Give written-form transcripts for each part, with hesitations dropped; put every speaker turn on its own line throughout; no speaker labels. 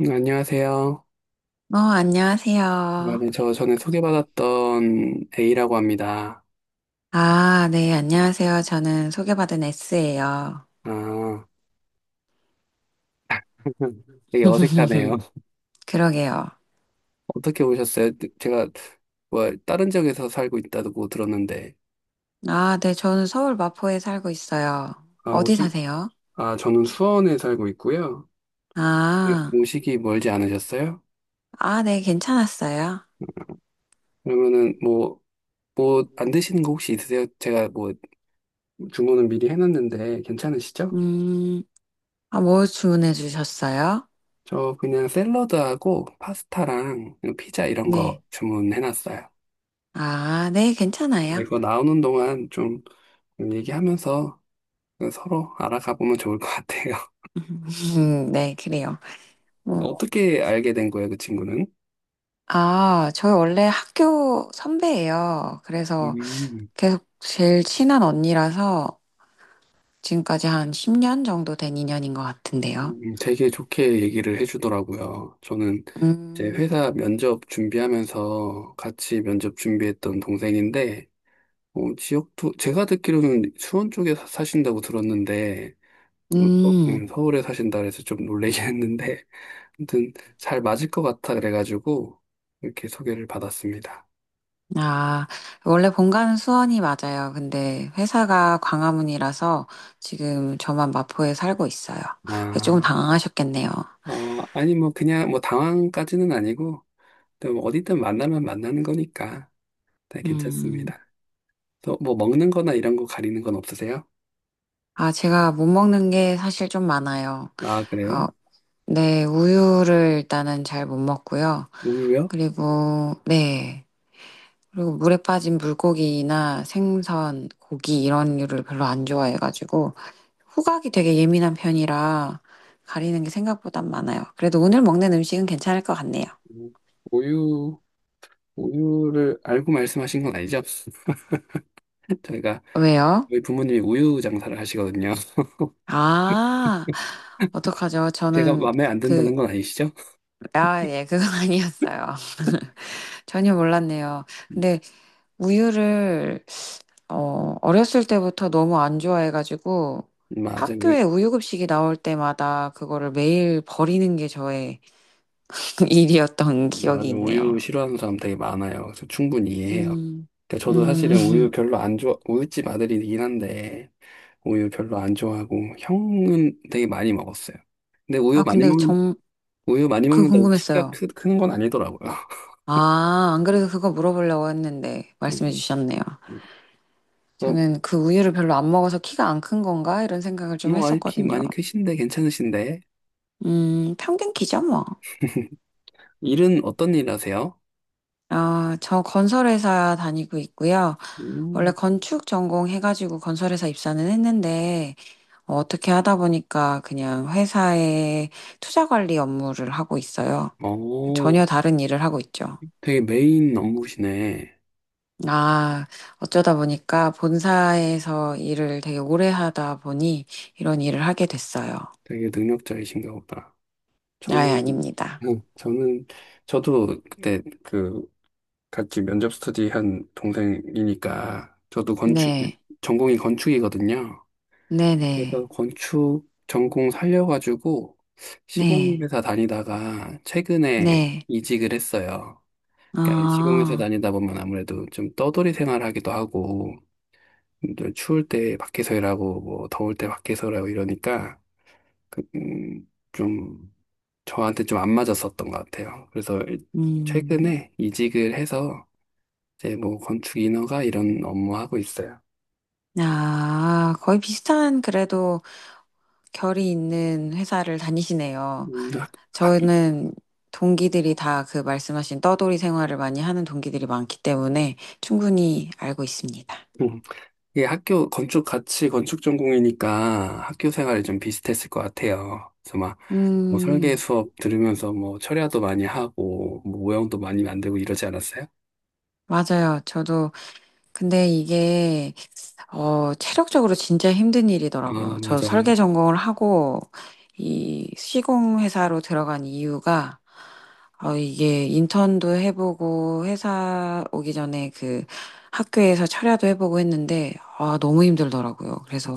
안녕하세요.
어, 안녕하세요.
저 전에 소개받았던 A라고 합니다.
아, 네, 안녕하세요. 저는 소개받은 S예요.
아, 되게 어색하네요.
그러게요.
어떻게 오셨어요? 네, 제가 다른 지역에서 살고 있다고 들었는데.
아, 네, 저는 서울 마포에 살고 있어요.
아,
어디
오시,
사세요?
아, 저는 수원에 살고 있고요. 네,
아,
오시기 멀지 않으셨어요?
아, 네, 괜찮았어요.
그러면은, 뭐 안 드시는 거 혹시 있으세요? 제가 뭐 주문은 미리 해놨는데 괜찮으시죠?
음, 아, 뭐 주문해 주셨어요?
저 그냥 샐러드하고 파스타랑 피자 이런
네.
거 주문해놨어요.
아, 네, 괜찮아요.
이거 나오는 동안 좀 얘기하면서 서로 알아가 보면 좋을 것 같아요.
네, 그래요. 뭐,
어떻게 알게 된 거예요, 그 친구는?
아, 저 원래 학교 선배예요. 그래서
음,
계속 제일 친한 언니라서 지금까지 한 10년 정도 된 인연인 것 같은데요.
되게 좋게 얘기를 해주더라고요. 저는 이제
음,
회사 면접 준비하면서 같이 면접 준비했던 동생인데, 지역도, 제가 듣기로는 수원 쪽에 사신다고 들었는데,
음,
서울에 사신다 그래서 좀 놀라긴 했는데, 아무튼 잘 맞을 것 같아 그래가지고, 이렇게 소개를 받았습니다.
아, 원래 본가는 수원이 맞아요. 근데 회사가 광화문이라서 지금 저만 마포에 살고 있어요. 그래서 조금
아.
당황하셨겠네요.
아니, 뭐, 그냥, 당황까지는 아니고, 또 뭐 어디든 만나면 만나는 거니까, 다
음,
괜찮습니다. 또, 뭐, 먹는 거나 이런 거 가리는 건 없으세요?
아, 제가 못 먹는 게 사실 좀 많아요.
아,
어,
그래요?
네, 우유를 일단은 잘 못 먹고요.
우유요?
그리고, 네, 그리고 물에 빠진 물고기나 생선, 고기 이런 류를 별로 안 좋아해가지고, 후각이 되게 예민한 편이라 가리는 게 생각보다 많아요. 그래도 오늘 먹는 음식은 괜찮을 것 같네요.
음, 우유, 우유를 알고 말씀하신 건 아니죠? 저희가,
왜요?
저희 부모님이 우유 장사를 하시거든요.
아, 어떡하죠?
제가
저는
마음에 안
그,
든다는 건 아니시죠?
아, 예, 그건 아니었어요. 전혀 몰랐네요. 근데 우유를, 어, 어렸을 때부터 너무 안 좋아해가지고
맞아요. 우유,
학교에 우유급식이 나올 때마다 그거를 매일 버리는 게 저의 일이었던 기억이
맞아요. 우유
있네요.
싫어하는 사람 되게 많아요. 그래서 충분히 이해해요.
음,
그러니까 저도
음.
사실은 우유 별로 안 좋아, 우유집 아들이긴 한데, 우유 별로 안 좋아하고 형은 되게 많이 먹었어요. 근데 우유
아,
많이
근데
먹는
정,
우유 많이
그
먹는다고 키가
궁금했어요.
크는 건 아니더라고요.
아, 안 그래도 그거 물어보려고 했는데 말씀해
음,
주셨네요.
음. 그래서
저는 그 우유를 별로 안 먹어서 키가 안 큰 건가? 이런 생각을 좀
뭐 아니 키
했었거든요.
많이 크신데 괜찮으신데
평균 키죠, 뭐.
일은 어떤 일 하세요?
아, 저 건설회사 다니고 있고요. 원래
음,
건축 전공 해가지고 건설회사 입사는 했는데, 어, 어떻게 하다 보니까 그냥 회사의 투자 관리 업무를 하고 있어요.
어,
전혀 다른 일을 하고 있죠.
되게 메인 업무시네.
아, 어쩌다 보니까 본사에서 일을 되게 오래 하다 보니 이런 일을 하게 됐어요.
되게 능력자이신가 보다.
아예
저는
아닙니다.
저는 저도 그때 같이 면접 스터디 한 동생이니까 저도 건축
네,
전공이 건축이거든요.
네네,
그래서 건축 전공 살려가지고
네,
시공회사 다니다가 최근에
네.
이직을 했어요. 그러니까 시공회사
아,
다니다 보면 아무래도 좀 떠돌이 생활하기도 하고 또 추울 때 밖에서 일하고 뭐 더울 때 밖에서 일하고 이러니까 좀 저한테 좀 안 맞았었던 것 같아요.
음,
최근에 이직을 해서 이제 뭐 건축 인허가 이런 업무 하고 있어요.
아, 거의 비슷한 그래도 결이 있는 회사를 다니시네요.
음, 학, 학,
저는 동기들이 다 그 말씀하신 떠돌이 생활을 많이 하는 동기들이 많기 때문에 충분히 알고 있습니다.
음. 예, 학교 건축 같이 건축 전공이니까 학교 생활이 좀 비슷했을 것 같아요. 그래서 막 뭐 설계
음,
수업 들으면서 뭐 철야도 많이 하고 뭐 모형도 많이 만들고 이러지 않았어요?
맞아요. 저도 근데 이게 어, 체력적으로 진짜 힘든
아,
일이더라고요. 저 설계
맞아요.
전공을 하고 이 시공 회사로 들어간 이유가 어, 이게 인턴도 해보고 회사 오기 전에 그 학교에서 철야도 해보고 했는데 아, 너무 힘들더라고요. 그래서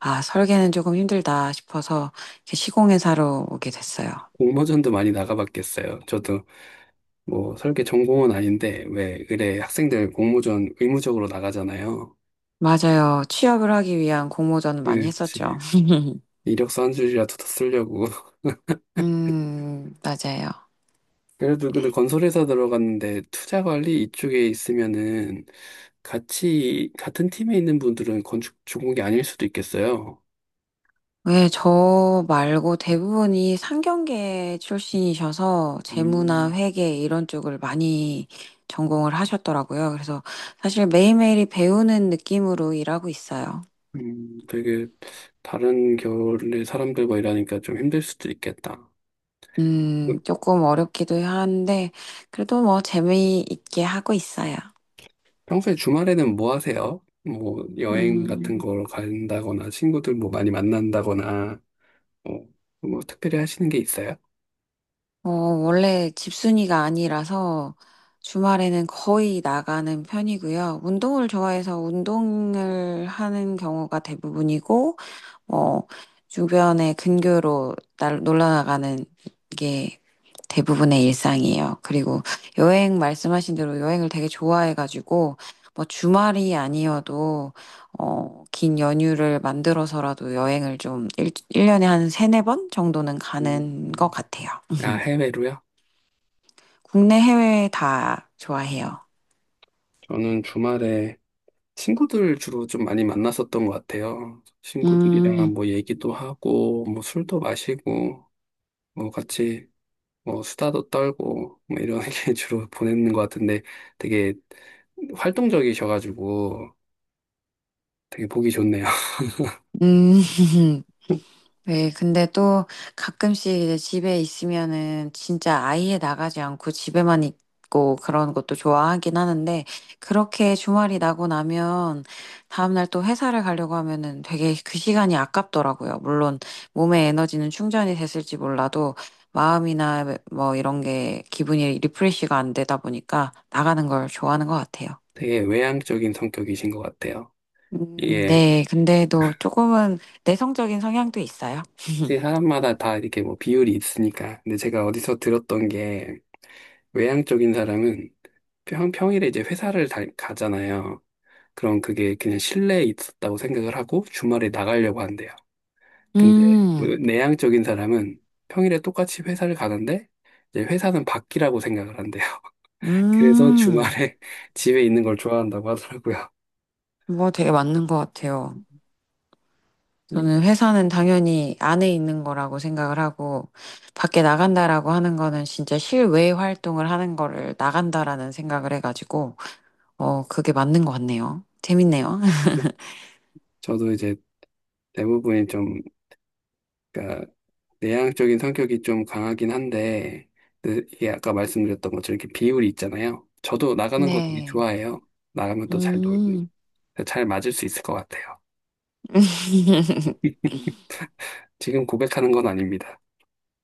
아, 설계는 조금 힘들다 싶어서 이렇게 시공 회사로 오게 됐어요.
공모전도 많이 나가봤겠어요. 저도 뭐 설계 전공은 아닌데 왜 의뢰 학생들 공모전 의무적으로 나가잖아요.
맞아요. 취업을 하기 위한 공모전 많이 했었죠.
그렇지. 이력서 한 줄이라도 더 쓰려고
맞아요.
그래도 근데 건설회사 들어갔는데 투자 관리 이쪽에 있으면은 같이 같은 팀에 있는 분들은 건축 전공이 아닐 수도 있겠어요.
네, 저 말고 대부분이 상경계 출신이셔서 재무나
음,
회계 이런 쪽을 많이 전공을 하셨더라고요. 그래서 사실 매일매일이 배우는 느낌으로 일하고 있어요.
되게 다른 결의 사람들과 일하니까 좀 힘들 수도 있겠다. 그
조금 어렵기도 한데, 그래도 뭐 재미있게 하고 있어요.
평소에 주말에는 뭐 하세요? 뭐 여행
음,
같은 걸 간다거나 친구들 뭐 많이 만난다거나 뭐, 뭐 특별히 하시는 게 있어요?
어, 원래 집순이가 아니라서 주말에는 거의 나가는 편이고요. 운동을 좋아해서 운동을 하는 경우가 대부분이고, 어, 주변의 근교로 놀러 나가는 게 대부분의 일상이에요. 그리고 여행 말씀하신 대로 여행을 되게 좋아해가지고 뭐 주말이 아니어도 어, 긴 연휴를 만들어서라도 여행을 좀 일년에한 세네 번 정도는
음,
가는 것
음.
같아요.
아, 해외로요?
국내 해외 다 좋아해요.
저는 주말에 친구들 주로 좀 많이 만났었던 것 같아요.
음,
친구들이랑 뭐 얘기도 하고, 뭐 술도 마시고, 뭐 같이 뭐 수다도 떨고, 뭐 이런 게 주로 보내는 것 같은데 되게 활동적이셔가지고 되게 보기 좋네요.
음, 네, 근데 또 가끔씩 이제 집에 있으면은 진짜 아예 나가지 않고 집에만 있고 그런 것도 좋아하긴 하는데 그렇게 주말이 나고 나면 다음날 또 회사를 가려고 하면은 되게 그 시간이 아깝더라고요. 물론 몸의 에너지는 충전이 됐을지 몰라도 마음이나 뭐 이런 게 기분이 리프레시가 안 되다 보니까 나가는 걸 좋아하는 것 같아요.
되게 외향적인 성격이신 것 같아요. 이게
네, 근데도 조금은 내성적인 성향도 있어요.
이제 사람마다 다 이렇게 뭐 비율이 있으니까. 근데 제가 어디서 들었던 게 외향적인 사람은 평일에 이제 회사를 가잖아요. 그럼 그게 그냥 실내에 있었다고 생각을 하고 주말에 나가려고 한대요. 근데
음.
그 내향적인 사람은 평일에 똑같이 회사를 가는데 이제 회사는 밖이라고 생각을 한대요. 그래서
음,
주말에 집에 있는 걸 좋아한다고 하더라고요.
뭐 되게 맞는 것 같아요. 저는 회사는 당연히 안에 있는 거라고 생각을 하고, 밖에 나간다라고 하는 거는 진짜 실외 활동을 하는 거를 나간다라는 생각을 해가지고, 어, 그게 맞는 것 같네요. 재밌네요.
음. 저도 이제 대부분이 좀, 그러니까 내향적인 성격이 좀 강하긴 한데, 근데 이게 아까 말씀드렸던 것처럼 이렇게 비율이 있잖아요. 저도 나가는 거 되게
네.
좋아해요. 나가면 또 잘 놀고,
음.
잘 맞을 수 있을 것 같아요. 지금 고백하는 건 아닙니다.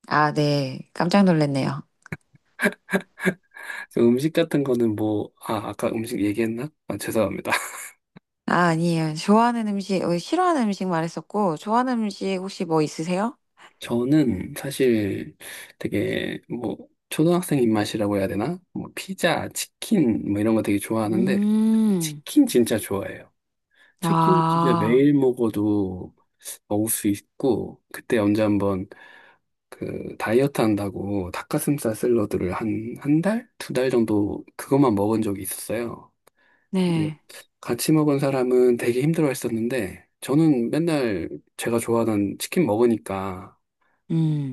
아, 네. 깜짝 놀랐네요.
저 음식 같은 거는 뭐, 아, 아까 음식 얘기했나? 아, 죄송합니다.
아, 아니에요. 좋아하는 음식, 어, 싫어하는 음식 말했었고, 좋아하는 음식 혹시 뭐 있으세요?
저는 사실 되게 뭐, 초등학생 입맛이라고 해야 되나? 뭐, 피자, 치킨, 뭐 이런 거 되게 좋아하는데,
음.
치킨 진짜 좋아해요. 치킨 진짜
아,
매일 먹어도 먹을 수 있고, 그때 언제 한번 그 다이어트 한다고 닭가슴살 샐러드를 1달? 2달 정도 그것만 먹은 적이 있었어요. 네.
네.
같이 먹은 사람은 되게 힘들어 했었는데, 저는 맨날 제가 좋아하던 치킨 먹으니까,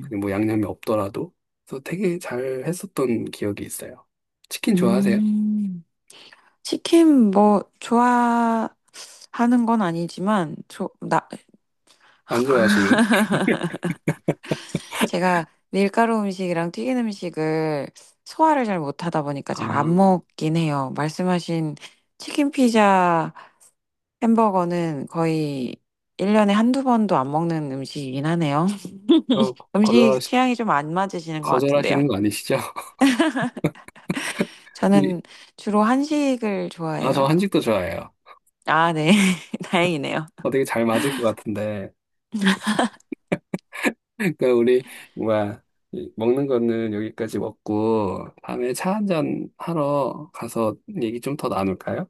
그게 뭐 양념이 없더라도, 그래서 되게 잘 했었던 기억이 있어요. 치킨 좋아하세요?
음, 치킨 뭐 좋아하는 건 아니지만
안 좋아하시는
제가 밀가루 음식이랑 튀긴 음식을 소화를 잘 못하다 보니까
아,
잘 안 먹긴 해요. 말씀하신 치킨 피자 햄버거는 거의 1년에 한두 번도 안 먹는 음식이긴 하네요.
저
음식
거절하시,
취향이 좀 안 맞으시는 것 같은데요.
거절하시는 거 아니시죠? 우리-
저는 주로 한식을
아, 저
좋아해요.
한식도 좋아해요.
아, 네. 다행이네요.
어, 되게 잘 맞을 것 같은데. 그러니까 우리, 뭐야, 이 먹는 거는 여기까지 먹고, 다음에 차 한잔 하러 가서 얘기 좀 더 나눌까요?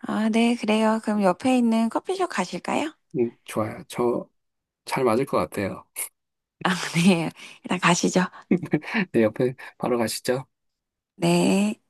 아, 네, 그래요. 그럼 옆에 있는 커피숍 가실까요?
좋아요. 저 잘 맞을 것 같아요.
네, 일단 가시죠.
네, 옆에 바로 가시죠.
네.